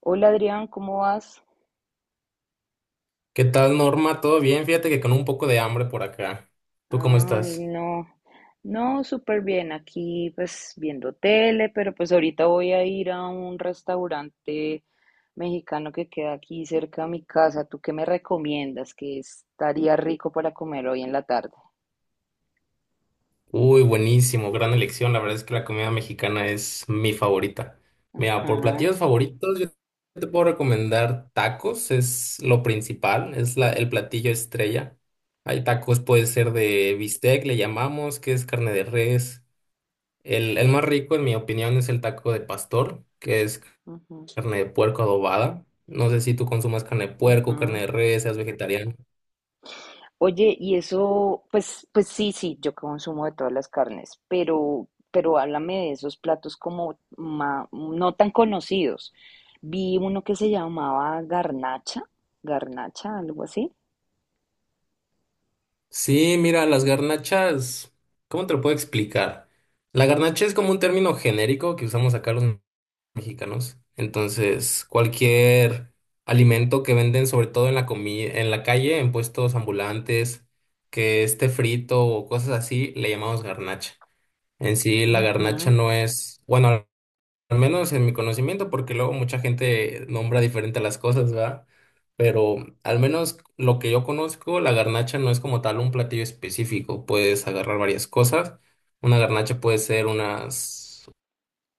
Hola Adrián, ¿cómo vas? ¿Qué tal, Norma? ¿Todo bien? Fíjate que con un poco de hambre por acá. ¿Tú cómo Ay, estás? no, no, súper bien, aquí pues viendo tele, pero pues ahorita voy a ir a un restaurante mexicano que queda aquí cerca de mi casa. ¿Tú qué me recomiendas? Que estaría rico para comer hoy en la tarde. Uy, buenísimo, gran elección. La verdad es que la comida mexicana es mi favorita. Mira, Ajá, por platillos favoritos, yo te puedo recomendar tacos, es lo principal, el platillo estrella. Hay tacos, puede ser de bistec, le llamamos, que es carne de res. El más rico, en mi opinión, es el taco de pastor, que es ajá, carne de puerco adobada. No sé si tú consumas carne de puerco, ajá. carne de res, seas vegetariano. Oye, y eso, pues sí, sí, yo consumo de todas las carnes, pero háblame de esos platos como no tan conocidos. Vi uno que se llamaba garnacha, garnacha, algo así. Sí, mira, las garnachas, ¿cómo te lo puedo explicar? La garnacha es como un término genérico que usamos acá los mexicanos. Entonces, cualquier alimento que venden, sobre todo en en la calle, en puestos ambulantes, que esté frito o cosas así, le llamamos garnacha. En sí, la garnacha no es, bueno, al menos en mi conocimiento, porque luego mucha gente nombra diferente las cosas, ¿verdad? Pero al menos lo que yo conozco, la garnacha no es como tal un platillo específico. Puedes agarrar varias cosas. Una garnacha puede ser unas,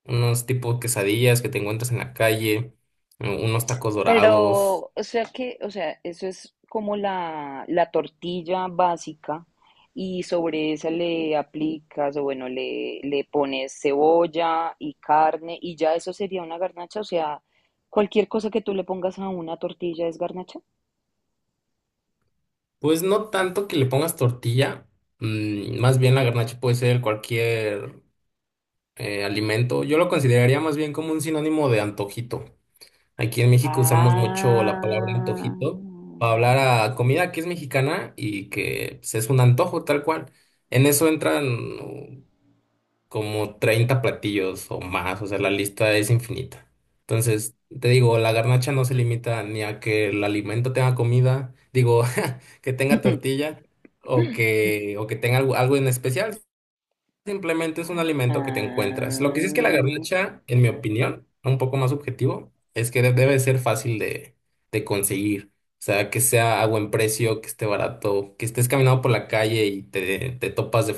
unos tipos quesadillas que te encuentras en la calle, unos tacos dorados. Pero, o sea que, o sea, eso es como la tortilla básica y sobre esa le aplicas o bueno, le pones cebolla y carne y ya eso sería una garnacha, o sea, cualquier cosa que tú le pongas a una tortilla es garnacha. Pues no tanto que le pongas tortilla, mm, más bien la garnacha puede ser cualquier alimento. Yo lo consideraría más bien como un sinónimo de antojito. Aquí en México usamos mucho la palabra Ah. antojito para hablar a comida que es mexicana y que pues, es un antojo tal cual. En eso entran uh, como 30 platillos o más, o sea, la lista es infinita. Entonces, te digo, la garnacha no se limita ni a que el alimento tenga comida, digo, que tenga tortilla o que tenga algo, algo en especial. Simplemente es un alimento que te encuentras. Lo que sí es que la Ah. garnacha, en mi opinión, un poco más objetivo, es que debe ser fácil de conseguir. O sea, que sea a buen precio, que esté barato, que estés caminando por la calle y te topas de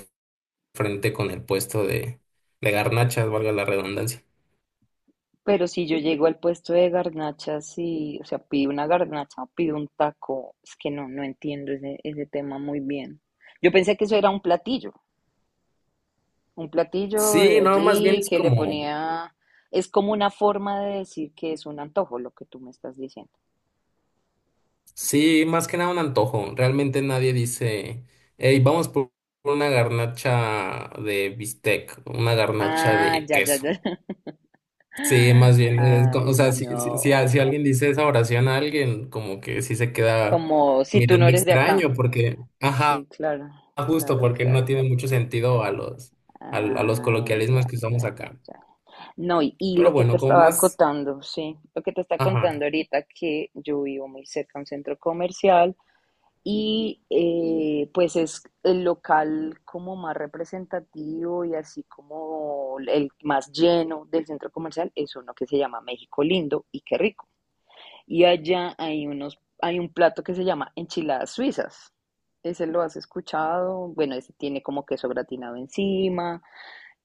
frente con el puesto de garnachas, valga la redundancia. Pero si yo llego al puesto de garnachas y, o sea, pido una garnacha o pido un taco, es que no entiendo ese tema muy bien. Yo pensé que eso era un platillo Sí, de no, más bien allí es que le como, ponía, es como una forma de decir que es un antojo lo que tú me estás diciendo. sí, más que nada un antojo. Realmente nadie dice, hey, vamos por una garnacha de bistec, una garnacha Ah, de ya, ya, queso. ya. Sí, más bien, Ay, o sea, si no. alguien dice esa oración a alguien, como que sí se queda Como si tú no mirando eres de extraño, acá. porque, ajá, Sí, claro, justo claro, porque no claro. tiene mucho sentido a a los Ah, ya, coloquialismos que ya, usamos ya, acá. ya. No, y Pero lo que bueno, te como estaba más, contando, sí, lo que te está ajá, contando ahorita, que yo vivo muy cerca a un centro comercial y pues es el local como más representativo y así como el más lleno del centro comercial es uno que se llama México Lindo y Qué Rico. Y allá hay unos, hay un plato que se llama enchiladas suizas. Ese lo has escuchado, bueno, ese tiene como queso gratinado encima.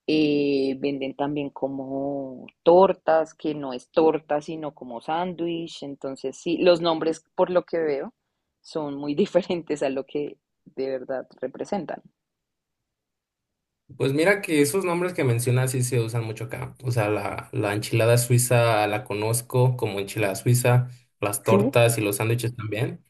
Venden también como tortas, que no es torta, sino como sándwich. Entonces, sí, los nombres, por lo que veo, son muy diferentes a lo que de verdad representan. pues mira que esos nombres que mencionas sí se usan mucho acá. O sea, la enchilada suiza la conozco como enchilada suiza, las Sí, tortas y los sándwiches también.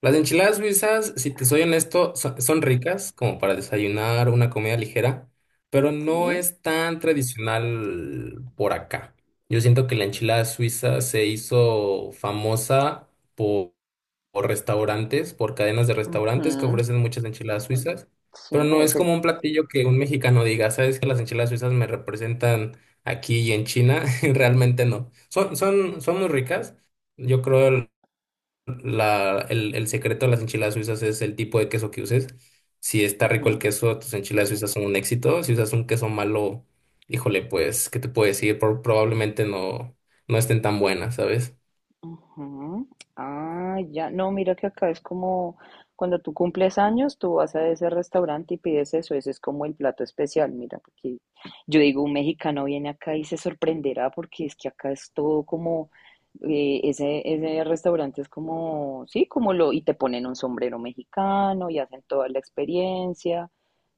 Las enchiladas suizas, si te soy honesto, son ricas como para desayunar una comida ligera, pero no sí, es tan tradicional por acá. Yo siento que la enchilada suiza se hizo famosa por, por restaurantes, por cadenas de restaurantes que ujú, ofrecen muchas enchiladas suizas, pero sí, no es es el. como un platillo que un mexicano diga, ¿sabes que las enchiladas suizas me representan aquí y en China? Realmente no. Son muy ricas. Yo creo el secreto de las enchiladas suizas es el tipo de queso que uses. Si está rico el queso, tus enchiladas suizas son un éxito. Si usas un queso malo, híjole, pues, ¿qué te puedo decir? Probablemente no estén tan buenas, ¿sabes? Ujú. Ah, ya. No, mira que acá es como cuando tú cumples años, tú vas a ese restaurante y pides eso. Ese es como el plato especial. Mira, porque yo digo, un mexicano viene acá y se sorprenderá porque es que acá es todo como, ese, ese restaurante es como, sí, como lo, y te ponen un sombrero mexicano y hacen toda la experiencia.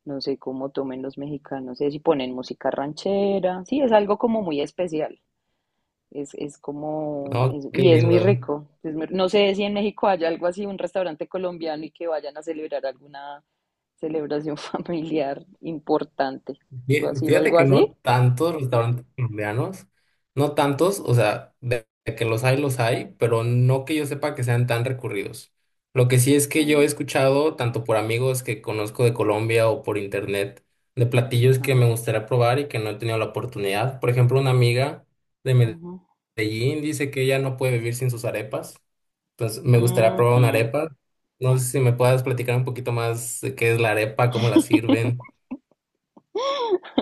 No sé cómo tomen los mexicanos, y ponen música ranchera. Sí, es algo como muy especial. Es como, No, qué y es muy lindo. rico. No sé si en México haya algo así, un restaurante colombiano y que vayan a celebrar alguna celebración familiar importante. ¿Tú has ido a Fíjate algo que no así? tantos restaurantes colombianos, no tantos, o sea, de que los hay, pero no que yo sepa que sean tan recurridos. Lo que sí es Sí. que yo he escuchado, tanto por amigos que conozco de Colombia o por internet, de platillos Ajá, que me gustaría probar y que no he tenido la oportunidad. Por ejemplo, una amiga de ujú, Medellín dice que ella no puede vivir sin sus arepas, entonces me gustaría probar una ujú. arepa. No sé si me puedas platicar un poquito más de qué es la arepa, cómo la sirven.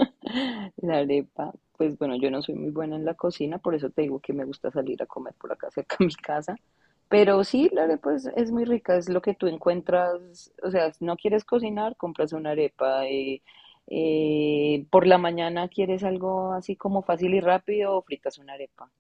La arepa, pues bueno, yo no soy muy buena en la cocina, por eso te digo que me gusta salir a comer por acá cerca de mi casa. Pero sí, la arepa es muy rica, es lo que tú encuentras, o sea, si no quieres cocinar, compras una arepa. Por la mañana quieres algo así como fácil y rápido, fritas una arepa.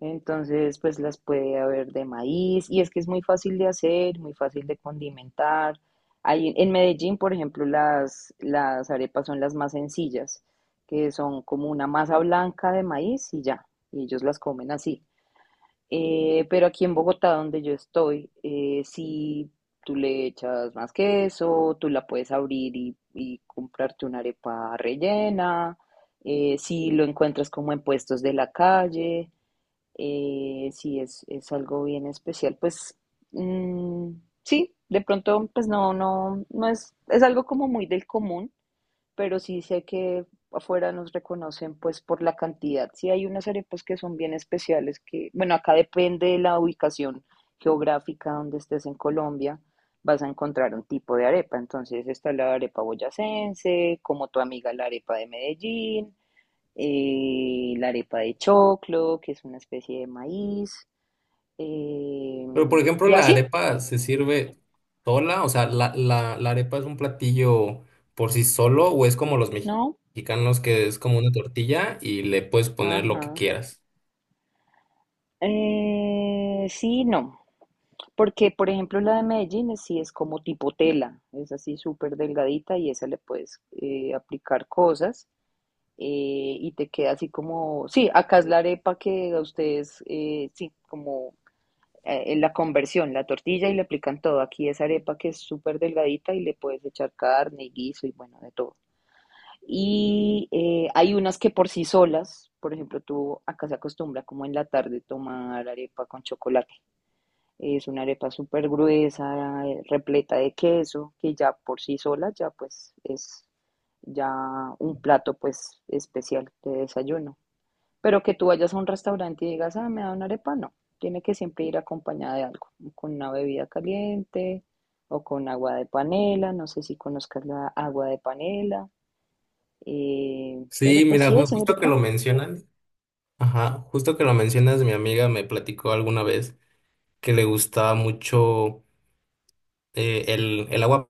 Entonces, pues las puede haber de maíz y es que es muy fácil de hacer, muy fácil de condimentar. Ahí en Medellín, por ejemplo, las arepas son las más sencillas, que son como una masa blanca de maíz y ya, y ellos las comen así. Pero aquí en Bogotá, donde yo estoy, sí, tú le echas más queso, tú la puedes abrir y comprarte una arepa rellena, si lo encuentras como en puestos de la calle. Sí, es algo bien especial. Pues mm, sí, de pronto, pues no es, es algo como muy del común, pero sí sé que afuera nos reconocen pues por la cantidad. Sí hay unas arepas que son bien especiales que, bueno, acá depende de la ubicación geográfica donde estés en Colombia, vas a encontrar un tipo de arepa. Entonces está la arepa boyacense, como tu amiga la arepa de Medellín. La arepa de choclo, que es una especie de maíz, eh, Pero, por ejemplo, y la así, arepa se sirve sola, o sea, la arepa es un platillo por sí solo, o es como los ¿no? mexicanos que es como una tortilla y le puedes poner lo que Ajá. quieras. Sí, no, porque por ejemplo la de Medellín sí es como tipo tela, es así súper delgadita y esa le puedes aplicar cosas, eh, y te queda así como, sí, acá es la arepa que a ustedes, sí, como la conversión, la tortilla y le aplican todo. Aquí es arepa que es súper delgadita y le puedes echar carne y guiso y bueno, de todo. Y hay unas que por sí solas, por ejemplo, tú acá se acostumbra como en la tarde tomar arepa con chocolate. Es una arepa súper gruesa, repleta de queso, que ya por sí sola ya pues es ya un plato pues especial de desayuno. Pero que tú vayas a un restaurante y digas, ah, me da una arepa, no. Tiene que siempre ir acompañada de algo, con una bebida caliente o con agua de panela. No sé si conozcas la agua de panela. Pero Sí, pues mira, sí, es muy justo que rica. lo mencionan, ajá, justo que lo mencionas, mi amiga me platicó alguna vez que le gustaba mucho el agua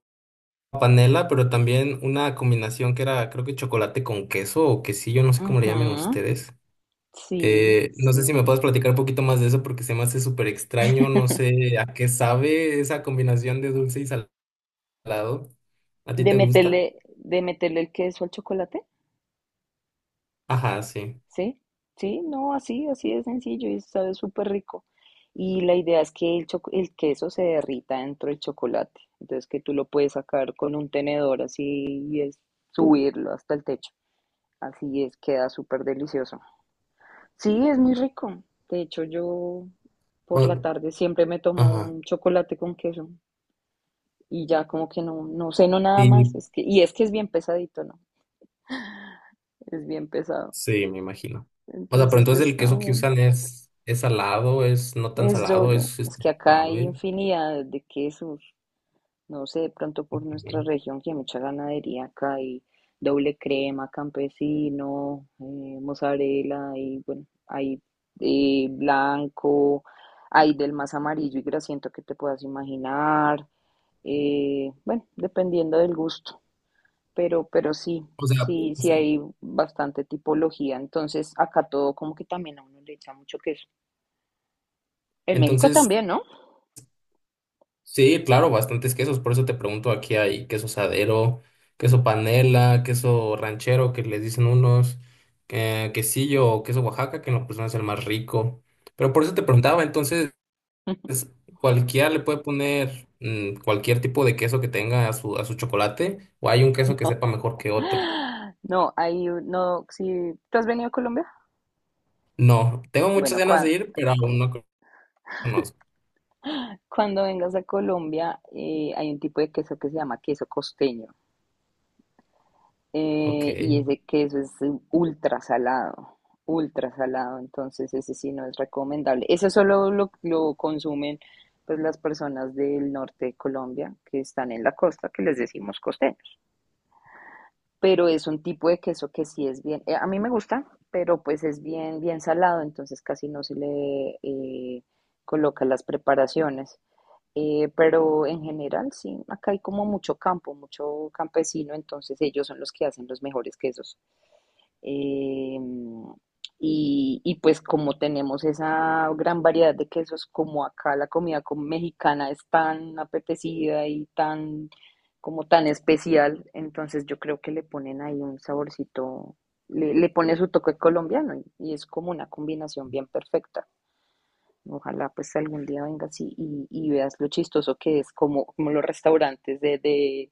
panela, pero también una combinación que era, creo que chocolate con queso o quesillo, no sé cómo le llamen Ujú, ustedes. sí, No sé si me sí. puedes platicar un poquito más de eso porque se me hace súper extraño, no sé a qué sabe esa combinación de dulce y salado. ¿A ti De te gusta? meterle, de meterle el queso al chocolate. Ajá, sí. Sí, sí, no, así, así de sencillo y sabe súper rico. Y la idea es que el queso se derrita dentro del chocolate. Entonces que tú lo puedes sacar con un tenedor así y es subirlo hasta el techo. Así es, queda súper delicioso. Sí, es muy rico. De hecho, yo por la O- tarde siempre me tomo ajá. un chocolate con queso y ya como que no ceno nada más. Sí, Es que, y es que es bien pesadito, ¿no? Es bien pesado. sí, me imagino. O sea, pero Entonces, entonces pues el está queso que bien. usan es salado, es no tan Es salado, doble, es es que este, acá hay suave. infinidad de quesos, no sé, de pronto por Ok. nuestra región que hay mucha ganadería, acá hay doble crema, campesino, mozzarella, y bueno, hay blanco, hay del más amarillo y grasiento que te puedas imaginar, bueno, dependiendo del gusto, pero sí, O sea, sí, sí sí. hay bastante tipología, entonces acá todo como que también a uno le echa mucho queso. En México Entonces también, ¿no? sí, claro, bastantes quesos. Por eso te pregunto, aquí hay queso sadero, queso panela, queso ranchero, que les dicen unos, quesillo o queso Oaxaca, que en lo personal es el más rico. Pero por eso te preguntaba, entonces, es- ¿cualquiera le puede poner cualquier tipo de queso que tenga a a su chocolate? ¿O hay un queso que sepa mejor que otro? ¡Ah! No, ahí no, si tú has venido a Colombia, No, tengo muchas bueno, ganas de ir, pero aún no conozco. cuando vengas a Colombia hay un tipo de queso que se llama queso costeño. Ok. Y ese queso es ultra salado, ultra salado, entonces ese sí no es recomendable. Eso solo lo consumen pues las personas del norte de Colombia que están en la costa, que les decimos costeño. Pero es un tipo de queso que sí es bien, a mí me gusta, pero pues es bien, bien salado, entonces casi no se le coloca las preparaciones. Pero en general, sí, acá hay como mucho campo, mucho campesino, entonces ellos son los que hacen los mejores quesos. Eh, y pues como tenemos esa gran variedad de quesos, como acá la comida mexicana es tan apetecida y tan, como tan especial, entonces yo creo que le ponen ahí un saborcito, le pone su toque colombiano y es como una combinación bien perfecta. Ojalá pues algún día vengas y veas lo chistoso que es, como los restaurantes de, de,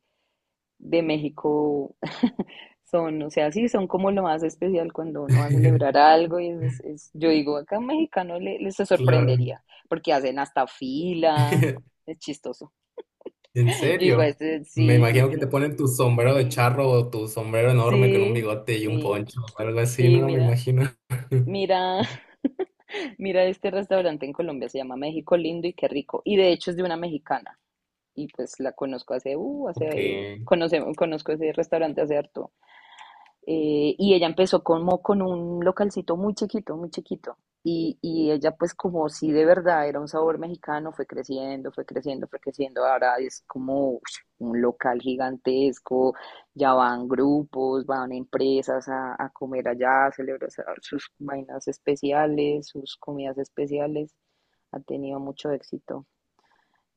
de México son, o sea, sí, son como lo más especial cuando uno va a celebrar algo y yo digo, acá un mexicano le, les se Claro. sorprendería, porque hacen hasta fila, es chistoso. ¿En Yo digo, serio? este, Me sí, sí, imagino que sí, te ponen tu sombrero de charro o tu sombrero enorme con un sí, bigote y un sí, poncho o algo así, sí, ¿no? Me mira, imagino. mira, mira este restaurante en Colombia, se llama México Lindo y Qué Rico, y de hecho es de una mexicana. Y pues la conozco hace, Ok, hace, conocemos, conozco ese restaurante hace harto. Y ella empezó como con un localcito muy chiquito, muy chiquito. Y ella pues como si de verdad era un sabor mexicano, fue creciendo, fue creciendo, fue creciendo. Ahora es como ush, un local gigantesco, ya van grupos, van empresas a comer allá, a celebrar sus vainas especiales, sus comidas especiales. Ha tenido mucho éxito.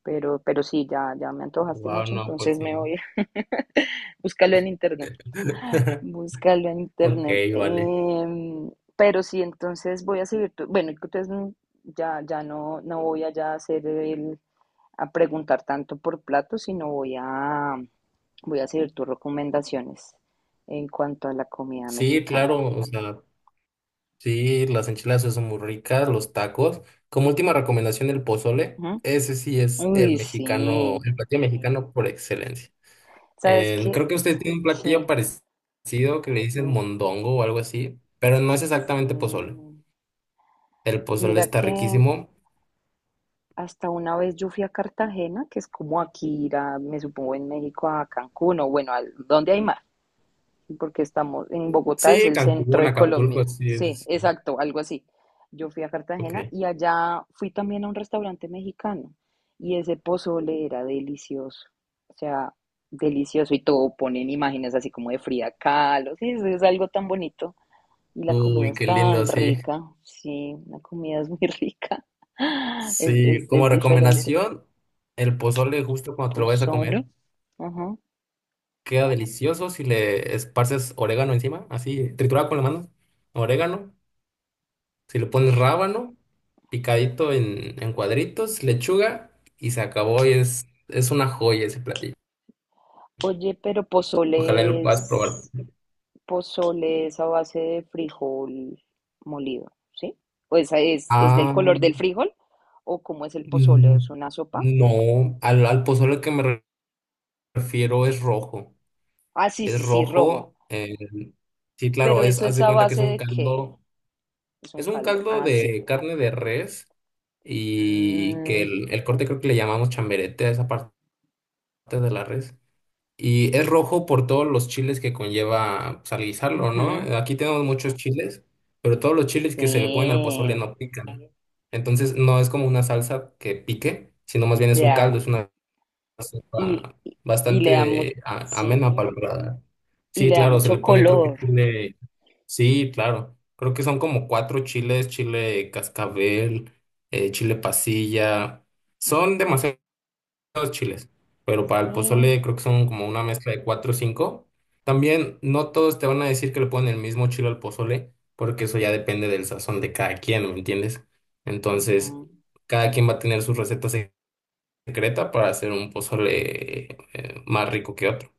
Pero sí, ya, ya me antojaste wow, mucho, no, pues entonces me sí. voy. Búscalo en internet. Búscalo en Ok, internet. vale. Pero sí, entonces voy a seguir. Bueno, entonces ya, ya no voy allá a hacer el, a preguntar tanto por platos, sino voy a seguir tus recomendaciones en cuanto a la comida Sí, mexicana. claro, o sea, sí, las enchiladas sí son muy ricas, los tacos. Como última recomendación, el pozole. Ujú. Ese sí es el Uy, mexicano, sí. el platillo mexicano por excelencia. ¿Sabes qué? Creo que usted tiene un platillo Sí, parecido que le dicen sí, mondongo o algo así, pero no es exactamente pozole. sí. El pozole Mira está que riquísimo. hasta una vez yo fui a Cartagena, que es como aquí ir a, me supongo, en México a Cancún o bueno, al, donde hay mar, sí, porque estamos en Bogotá, es Sí, el centro Cancún, de Acapulco, Colombia. sí, Sí, es. exacto, algo así. Yo fui a Ok. Cartagena y allá fui también a un restaurante mexicano y ese pozole era delicioso, o sea, delicioso y todo, ponen imágenes así como de Frida Kahlo, sí, eso es algo tan bonito. Y la comida Uy, es qué lindo, tan sí. rica, sí, la comida es muy rica, es, Sí, es, como es diferente. recomendación, el pozole justo cuando te lo vayas a Pozole, comer ajá. queda delicioso si le esparces orégano encima, así, triturado con la mano, orégano. Si le pones rábano, picadito en cuadritos, lechuga y se acabó y es una joya ese platillo. Oye, pero Ojalá lo pozole puedas probar. es, pozole es a base de frijol molido, ¿sí? O esa es del Ah, color del frijol, o cómo es el pozole, mm, es una sopa. no, al pozole que me prefiero es rojo. Ah, sí, Es sí, sí, rojo. rojo. Sí, Pero claro, es, eso haz ¿es de a cuenta que base de qué? Es un es un caldo. caldo Ah, sí. de carne de res y que Mm, el corte creo que le llamamos chamberete a esa parte de la res. Y es rojo por todos los chiles que conlleva pues, al guisarlo, ¿no? ujú, Aquí tenemos muchos chiles, pero todos los chiles que se le ponen al pozole sí, no pican. Entonces no es como una salsa que pique, sino más bien es un ya. caldo, es una y, sopa y- y le da mu- bastante sí, amena para el paladar. y Sí, le da claro, se le mucho pone creo que color. chile, sí, claro, creo que son como 4 chiles, chile cascabel, chile pasilla, son Ujú, demasiados chiles, pero para el sí. pozole creo que son como una mezcla de 4 o 5. También no todos te van a decir que le ponen el mismo chile al pozole, porque eso ya depende del sazón de cada quien, ¿me entiendes? Entonces, Ujú. cada quien va a tener sus recetas secreta para hacer un pozole más rico que otro.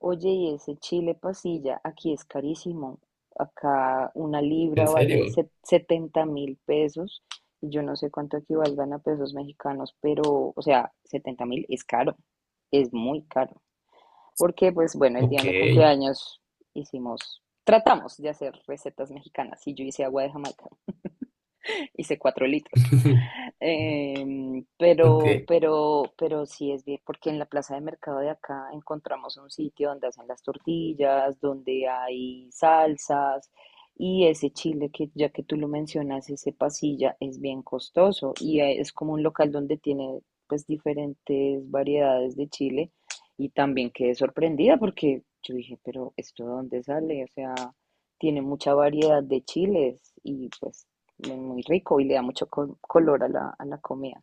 Oye, y ese chile pasilla, aquí es carísimo. Acá una ¿En libra vale serio? 70.000 pesos. Y yo no sé cuánto equivalgan a pesos mexicanos, pero, o sea, 70.000 es caro, es muy caro. Porque, pues bueno, el día Ok. de mi cumpleaños hicimos, tratamos de hacer recetas mexicanas y yo hice agua de Jamaica, hice 4 litros. Pero, Ok. pero, pero sí es bien, porque en la plaza de mercado de acá encontramos un sitio donde hacen las tortillas, donde hay salsas, y ese chile que ya que tú lo mencionas, ese pasilla, es bien costoso y es como un local donde tiene pues diferentes variedades de chile y también quedé sorprendida porque yo dije, pero ¿esto de dónde sale? O sea, tiene mucha variedad de chiles y pues muy muy rico y le da mucho color a la comida.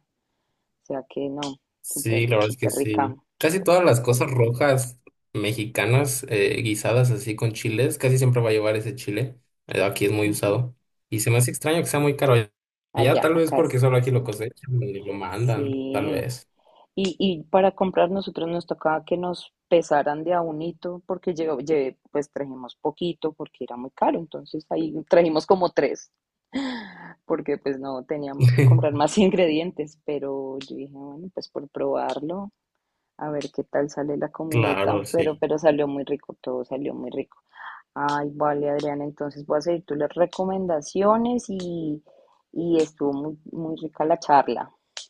O sea que no, Sí, súper, la verdad es que súper rica. sí. Casi todas las cosas rojas mexicanas guisadas así con chiles, casi siempre va a llevar ese chile. Aquí es muy Ujú. usado. Y se me hace extraño que sea muy caro allá, Allá, tal vez acá porque es. solo aquí Sí. lo cosechan y lo mandan, tal Sí. vez. Y para comprar nosotros nos tocaba que nos pesaran de a unito porque pues trajimos poquito porque era muy caro. Entonces ahí trajimos como tres porque pues no teníamos que comprar más ingredientes. Pero yo dije, bueno, pues por probarlo, a ver qué tal sale la comidita. Claro, Pero, sí. pero salió muy rico, todo salió muy rico. Ay, vale, Adriana, entonces voy a seguir tus las recomendaciones y estuvo muy, muy rica la charla.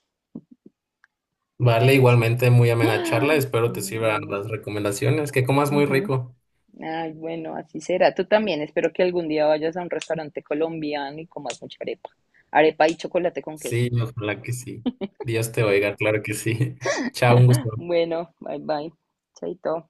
Vale, igualmente muy amena charla. Espero te sirvan Bueno, las recomendaciones. Que comas muy ujú. rico. Ay, bueno, así será. Tú también, espero que algún día vayas a un restaurante colombiano y comas mucha arepa. Arepa y chocolate con queso. Sí, ojalá que sí. Dios te oiga, claro que sí. Chao, un gusto. Bueno, bye bye. Chaito.